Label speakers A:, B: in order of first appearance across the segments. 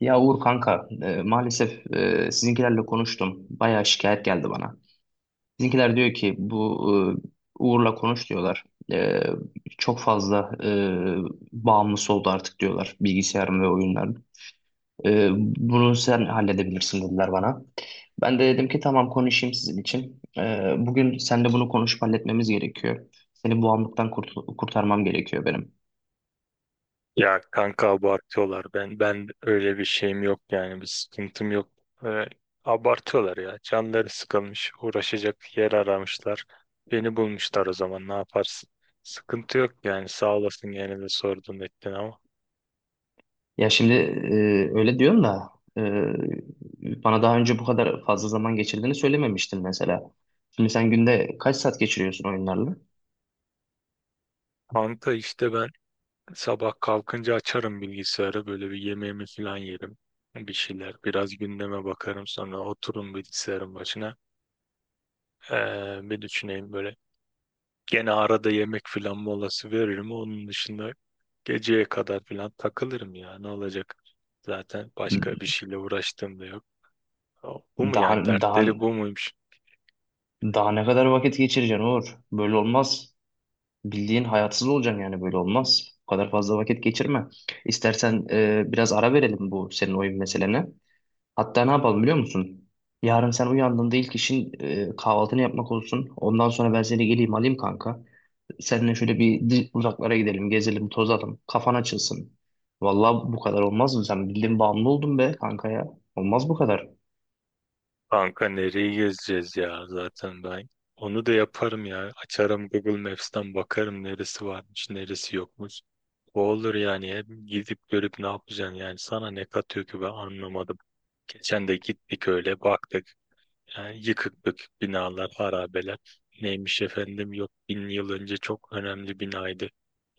A: Ya Uğur kanka, maalesef sizinkilerle konuştum. Bayağı şikayet geldi bana. Sizinkiler diyor ki bu Uğur'la konuş diyorlar. E, çok fazla bağımlısı oldu artık diyorlar bilgisayarım ve oyunların. E, bunu sen halledebilirsin dediler bana. Ben de dedim ki tamam konuşayım sizin için. Bugün seninle bunu konuşup halletmemiz gerekiyor. Seni bu bağımlılıktan kurtarmam gerekiyor benim.
B: Ya kanka abartıyorlar. Ben öyle bir şeyim yok yani bir sıkıntım yok. Ee, abartıyorlar ya. Canları sıkılmış, uğraşacak yer aramışlar. Beni bulmuşlar, o zaman ne yaparsın? Sıkıntı yok yani, sağ olasın gene de sordun ettin ama.
A: Ya şimdi öyle diyorum da e, bana daha önce bu kadar fazla zaman geçirdiğini söylememiştin mesela. Şimdi sen günde kaç saat geçiriyorsun oyunlarla?
B: Kanka işte ben sabah kalkınca açarım bilgisayarı, böyle bir yemeğimi falan yerim. Bir şeyler biraz gündeme bakarım, sonra oturum bilgisayarın başına. Bir düşüneyim böyle. Gene arada yemek filan molası veririm. Onun dışında geceye kadar filan takılırım ya. Ne olacak? Zaten başka bir şeyle uğraştığım da yok. Bu mu
A: Daha
B: yani?
A: daha
B: Dertleri bu muymuş?
A: daha ne kadar vakit geçireceksin Uğur? Böyle olmaz. Bildiğin hayatsız olacaksın yani böyle olmaz. Bu kadar fazla vakit geçirme. İstersen biraz ara verelim bu senin oyun meselene. Hatta ne yapalım biliyor musun? Yarın sen uyandığında ilk işin kahvaltını yapmak olsun. Ondan sonra ben seni geleyim alayım kanka. Seninle şöyle bir uzaklara gidelim, gezelim, tozalım. Kafan açılsın. Vallahi bu kadar olmaz mı? Sen bildiğin bağımlı oldun be kanka ya. Olmaz bu kadar.
B: Kanka nereyi gezeceğiz ya, zaten ben. Onu da yaparım ya. Açarım Google Maps'ten bakarım neresi varmış, neresi yokmuş. O olur yani. Hep gidip görüp ne yapacaksın yani. Sana ne katıyor ki, ben anlamadım. Geçen de gittik öyle baktık. Yani yıkık dökük binalar, harabeler. Neymiş efendim, yok 1000 yıl önce çok önemli binaydı.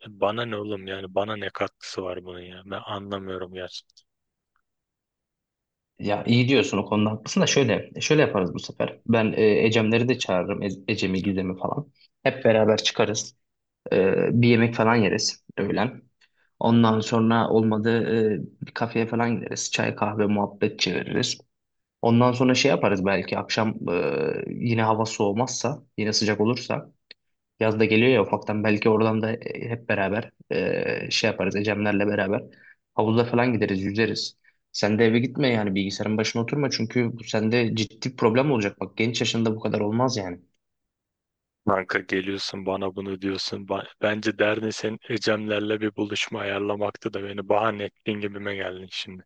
B: Bana ne oğlum yani, bana ne katkısı var bunun ya, ben anlamıyorum gerçekten.
A: Ya iyi diyorsun o konuda haklısın da şöyle şöyle yaparız bu sefer. Ben Ecemleri de çağırırım. Ecem'i, Gizem'i falan. Hep beraber çıkarız. Bir yemek falan yeriz öğlen. Ondan sonra olmadı bir kafeye falan gideriz. Çay, kahve, muhabbet çeviririz. Ondan sonra şey yaparız belki akşam yine hava soğumazsa, yine sıcak olursa. Yaz da geliyor ya ufaktan belki oradan da hep beraber şey yaparız Ecemlerle beraber, havuza falan gideriz yüzeriz. Sen de eve gitme yani bilgisayarın başına oturma çünkü bu sende ciddi bir problem olacak. Bak genç yaşında bu kadar olmaz yani.
B: Kanka geliyorsun bana bunu diyorsun. Bence derdin senin Ecemlerle bir buluşma ayarlamaktı da beni bahane ettiğin gibime geldin şimdi.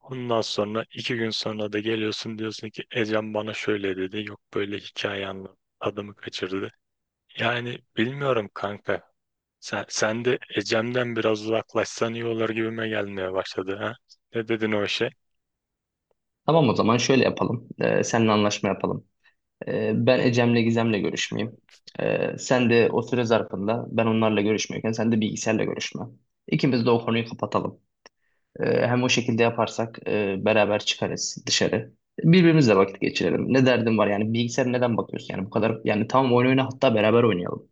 B: Ondan sonra iki gün sonra da geliyorsun diyorsun ki Ecem bana şöyle dedi, yok böyle hikaye anlattı, adımı kaçırdı. Yani bilmiyorum kanka, sen de Ecem'den biraz uzaklaşsan iyi olur gibime gelmeye başladı, ha? Ne dedin o işe?
A: Tamam o zaman şöyle yapalım. Seninle anlaşma yapalım. Ben Ecem'le Gizem'le görüşmeyeyim. Sen de o süre zarfında ben onlarla görüşmüyorken sen de bilgisayarla görüşme. İkimiz de o konuyu kapatalım. Hem o şekilde yaparsak beraber çıkarız dışarı. Birbirimizle vakit geçirelim. Ne derdim var yani bilgisayara neden bakıyorsun? Yani bu kadar yani tamam oyun oyna hatta beraber oynayalım.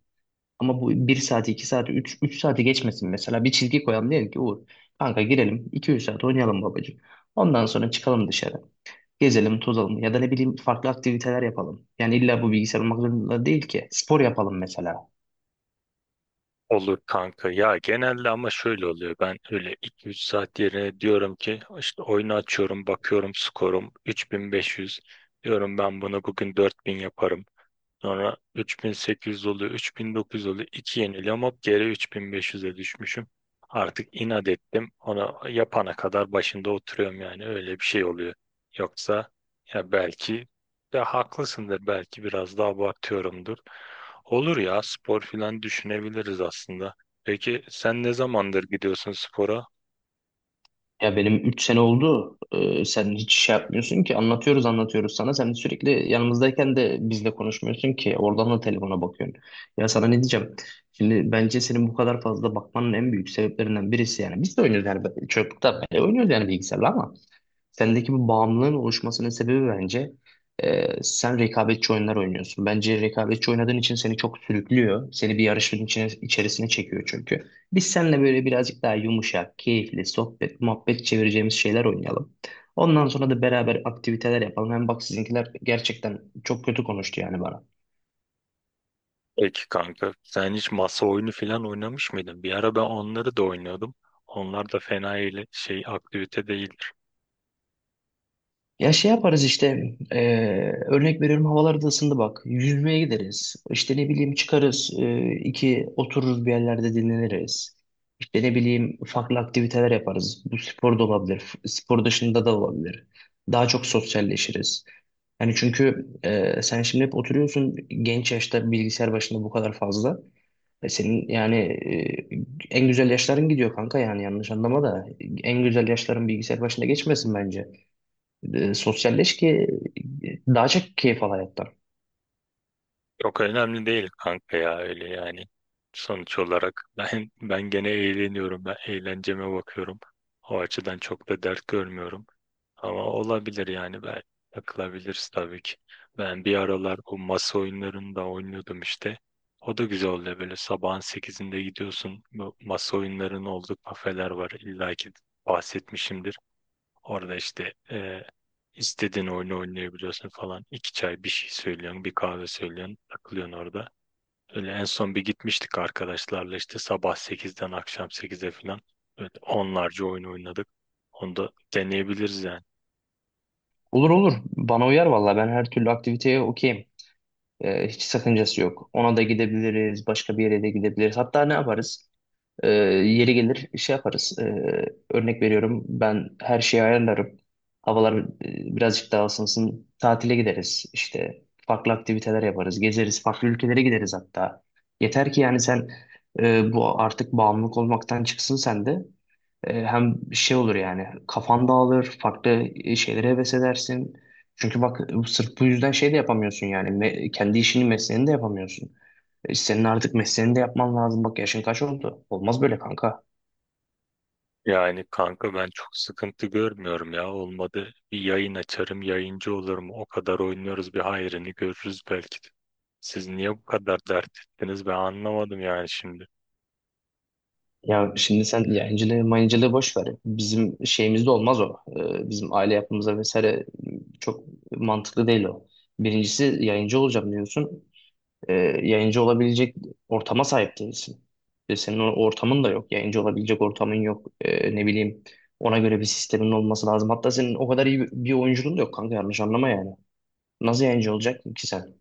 A: Ama bu bir saati 2 saati üç saati geçmesin mesela. Bir çizgi koyalım diyelim ki Uğur kanka girelim 2-3 saat oynayalım babacığım. Ondan sonra çıkalım dışarı. Gezelim, tozalım ya da ne bileyim farklı aktiviteler yapalım. Yani illa bu bilgisayar olmak zorunda değil ki. Spor yapalım mesela.
B: Olur kanka ya, genelde ama şöyle oluyor: ben öyle iki üç saat yerine diyorum ki işte oyunu açıyorum, bakıyorum skorum 3500, diyorum ben bunu bugün 4000 yaparım. Sonra 3800 oluyor, 3900 oluyor. İki yeniliyorum, hop geri 3500'e düşmüşüm. Artık inat ettim. Onu yapana kadar başında oturuyorum, yani öyle bir şey oluyor. Yoksa ya belki, ya haklısındır, belki biraz daha abartıyorumdur. Olur ya, spor filan düşünebiliriz aslında. Peki sen ne zamandır gidiyorsun spora?
A: Ya benim 3 sene oldu. Sen hiç şey yapmıyorsun ki. Anlatıyoruz anlatıyoruz sana. Sen sürekli yanımızdayken de bizle konuşmuyorsun ki. Oradan da telefona bakıyorsun. Ya sana ne diyeceğim? Şimdi bence senin bu kadar fazla bakmanın en büyük sebeplerinden birisi yani. Biz de oynuyoruz yani. Çocukluktan beri oynuyoruz yani bilgisayarla ama. Sendeki bu bağımlılığın oluşmasının sebebi bence sen rekabetçi oyunlar oynuyorsun. Bence rekabetçi oynadığın için seni çok sürüklüyor. Seni bir yarışın içine, içerisine çekiyor çünkü. Biz seninle böyle birazcık daha yumuşak, keyifli, sohbet, muhabbet çevireceğimiz şeyler oynayalım. Ondan sonra da beraber aktiviteler yapalım. Hem bak sizinkiler gerçekten çok kötü konuştu yani bana.
B: Peki kanka, sen hiç masa oyunu filan oynamış mıydın? Bir ara ben onları da oynuyordum. Onlar da fena şey, aktivite değil.
A: Ya şey yaparız işte örnek veriyorum havalar da ısındı bak yüzmeye gideriz işte ne bileyim çıkarız iki otururuz bir yerlerde dinleniriz. İşte ne bileyim farklı aktiviteler yaparız. Bu spor da olabilir. Spor dışında da olabilir. Daha çok sosyalleşiriz. Yani çünkü sen şimdi hep oturuyorsun genç yaşta bilgisayar başında bu kadar fazla. E senin yani en güzel yaşların gidiyor kanka yani yanlış anlama da en güzel yaşların bilgisayar başında geçmesin bence. Sosyalleş ki daha çok keyif al hayattan.
B: Yok önemli değil kanka ya, öyle yani. Sonuç olarak ben gene eğleniyorum. Ben eğlenceme bakıyorum. O açıdan çok da dert görmüyorum. Ama olabilir yani, ben takılabiliriz tabii ki. Ben bir aralar bu masa oyunlarını da oynuyordum işte. O da güzel oluyor, böyle sabahın 8'inde gidiyorsun. Bu masa oyunlarının olduğu kafeler var. İlla ki bahsetmişimdir. Orada işte istediğin oyunu oynayabiliyorsun falan. İki çay bir şey söylüyorsun, bir kahve söylüyorsun, takılıyorsun orada. Öyle en son bir gitmiştik arkadaşlarla, işte sabah 8'den akşam 8'e falan. Böyle onlarca oyun oynadık. Onu da deneyebiliriz yani.
A: Olur olur bana uyar valla ben her türlü aktiviteye okeyim. Hiç sakıncası yok. Ona da gidebiliriz, başka bir yere de gidebiliriz. Hatta ne yaparız? Yeri gelir şey yaparız. Örnek veriyorum ben her şeyi ayarlarım. Havalar birazcık daha ısınsın. Tatile gideriz. İşte farklı aktiviteler yaparız. Gezeriz. Farklı ülkelere gideriz hatta. Yeter ki yani sen bu artık bağımlılık olmaktan çıksın sen de. Hem şey olur yani kafan dağılır, farklı şeylere heves edersin. Çünkü bak sırf bu yüzden şey de yapamıyorsun yani kendi işini mesleğini de yapamıyorsun. Senin artık mesleğini de yapman lazım. Bak yaşın kaç oldu? Olmaz böyle kanka.
B: Yani kanka, ben çok sıkıntı görmüyorum ya. Olmadı bir yayın açarım, yayıncı olurum. O kadar oynuyoruz, bir hayrını görürüz belki de. Siz niye bu kadar dert ettiniz, ben anlamadım yani şimdi.
A: Ya şimdi sen yayıncılığı mayıncılığı boş ver. Bizim şeyimizde olmaz o. Bizim aile yapımıza vesaire çok mantıklı değil o. Birincisi yayıncı olacağım diyorsun. e, yayıncı olabilecek ortama sahip değilsin. Ve senin o ortamın da yok. Yayıncı olabilecek ortamın yok. Ne bileyim ona göre bir sistemin olması lazım. Hatta senin o kadar iyi bir oyunculuğun da yok kanka yanlış anlama yani. Nasıl yayıncı olacak ki sen?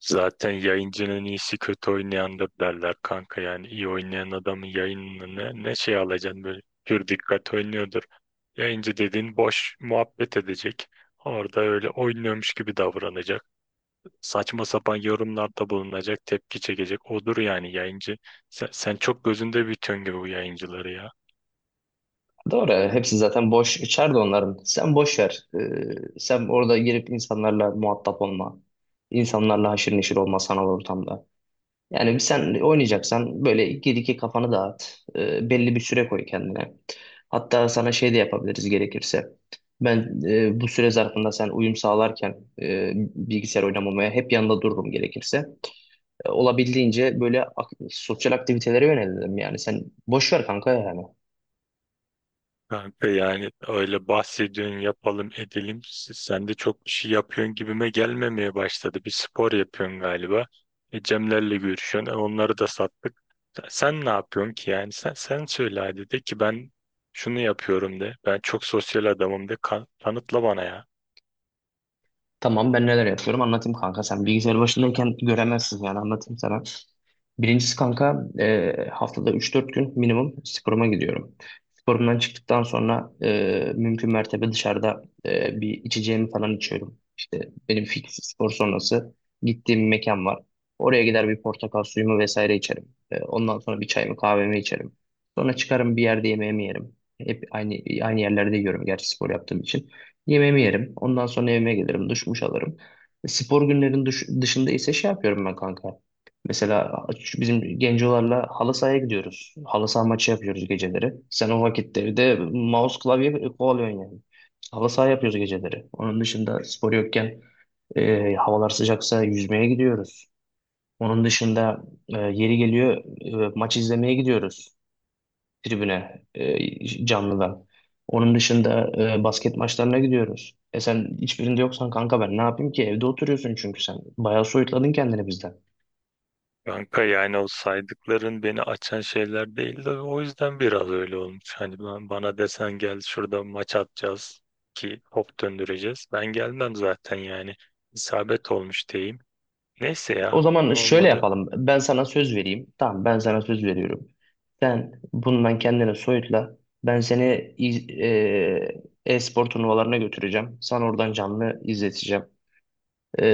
B: Zaten yayıncının iyisi kötü oynayandır derler kanka, yani iyi oynayan adamın yayınını ne, ne şey alacaksın, böyle pür dikkat oynuyordur. Yayıncı dediğin boş muhabbet edecek. Orada öyle oynuyormuş gibi davranacak. Saçma sapan yorumlarda bulunacak, tepki çekecek. Odur yani yayıncı. Sen çok gözünde büyütüyorsun gibi bu yayıncıları ya.
A: Doğru. Hepsi zaten boş içeride onların. Sen boş ver. Sen orada girip insanlarla muhatap olma. İnsanlarla haşır neşir olma sanal ortamda. Yani sen oynayacaksan böyle gir iki kafanı dağıt. Belli bir süre koy kendine. Hatta sana şey de yapabiliriz gerekirse. Ben bu süre zarfında sen uyum sağlarken bilgisayar oynamamaya hep yanında dururum gerekirse. Olabildiğince böyle sosyal aktivitelere yönelirim yani. Sen boş ver kanka yani.
B: Kanka yani öyle bahsediyorsun, yapalım edelim. Sen de çok bir şey yapıyorsun gibime gelmemeye başladı. Bir spor yapıyorsun galiba. E, Cemlerle görüşüyorsun. E, onları da sattık. Sen ne yapıyorsun ki yani? Sen söyle hadi, de ki ben şunu yapıyorum de. Ben çok sosyal adamım de. Kanıtla bana ya.
A: Tamam ben neler yapıyorum anlatayım kanka. Sen bilgisayar başındayken göremezsin yani anlatayım sana. Birincisi kanka haftada 3-4 gün minimum sporuma gidiyorum. Sporumdan çıktıktan sonra mümkün mertebe dışarıda bir içeceğimi falan içiyorum. İşte benim fix spor sonrası gittiğim bir mekan var. Oraya gider bir portakal suyumu vesaire içerim. Ondan sonra bir çayımı kahvemi içerim. Sonra çıkarım bir yerde yemeğimi yerim. Hep aynı yerlerde yiyorum gerçi spor yaptığım için. Yemeğimi yerim. Ondan sonra evime gelirim. Duş muş alırım. Spor günlerin dışında ise şey yapıyorum ben kanka. Mesela şu bizim gencolarla halı sahaya gidiyoruz. Halı saha maçı yapıyoruz geceleri. Sen o vakitte evde mouse klavye kovalıyorsun yani. Halı saha yapıyoruz geceleri. Onun dışında spor yokken havalar sıcaksa yüzmeye gidiyoruz. Onun dışında yeri geliyor maç izlemeye gidiyoruz tribüne canlıdan. Onun dışında basket maçlarına gidiyoruz. E sen hiçbirinde yoksan kanka ben ne yapayım ki? Evde oturuyorsun çünkü sen. Bayağı soyutladın kendini bizden.
B: Kanka yani o saydıkların beni açan şeyler değil, de o yüzden biraz öyle olmuş. Hani ben, bana desen gel şurada maç atacağız ki hop döndüreceğiz. Ben gelmem zaten yani. İsabet olmuş diyeyim. Neyse
A: O
B: ya,
A: zaman şöyle
B: olmadı.
A: yapalım. Ben sana söz vereyim. Tamam ben sana söz veriyorum. Sen bundan kendini soyutla. Ben seni e-spor turnuvalarına götüreceğim. Sana oradan canlı izleteceğim. e,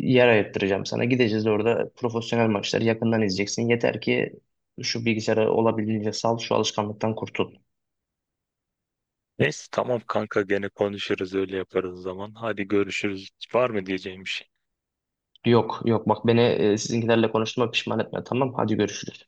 A: yer ayırttıracağım sana. Gideceğiz orada profesyonel maçları yakından izleyeceksin. Yeter ki şu bilgisayarı olabildiğince sal, şu alışkanlıktan kurtul.
B: Neyse tamam kanka, gene konuşuruz, öyle yaparız o zaman. Hadi görüşürüz. Var mı diyeceğim bir şey?
A: Yok yok bak beni sizinkilerle konuştuğuma pişman etme tamam. Hadi görüşürüz.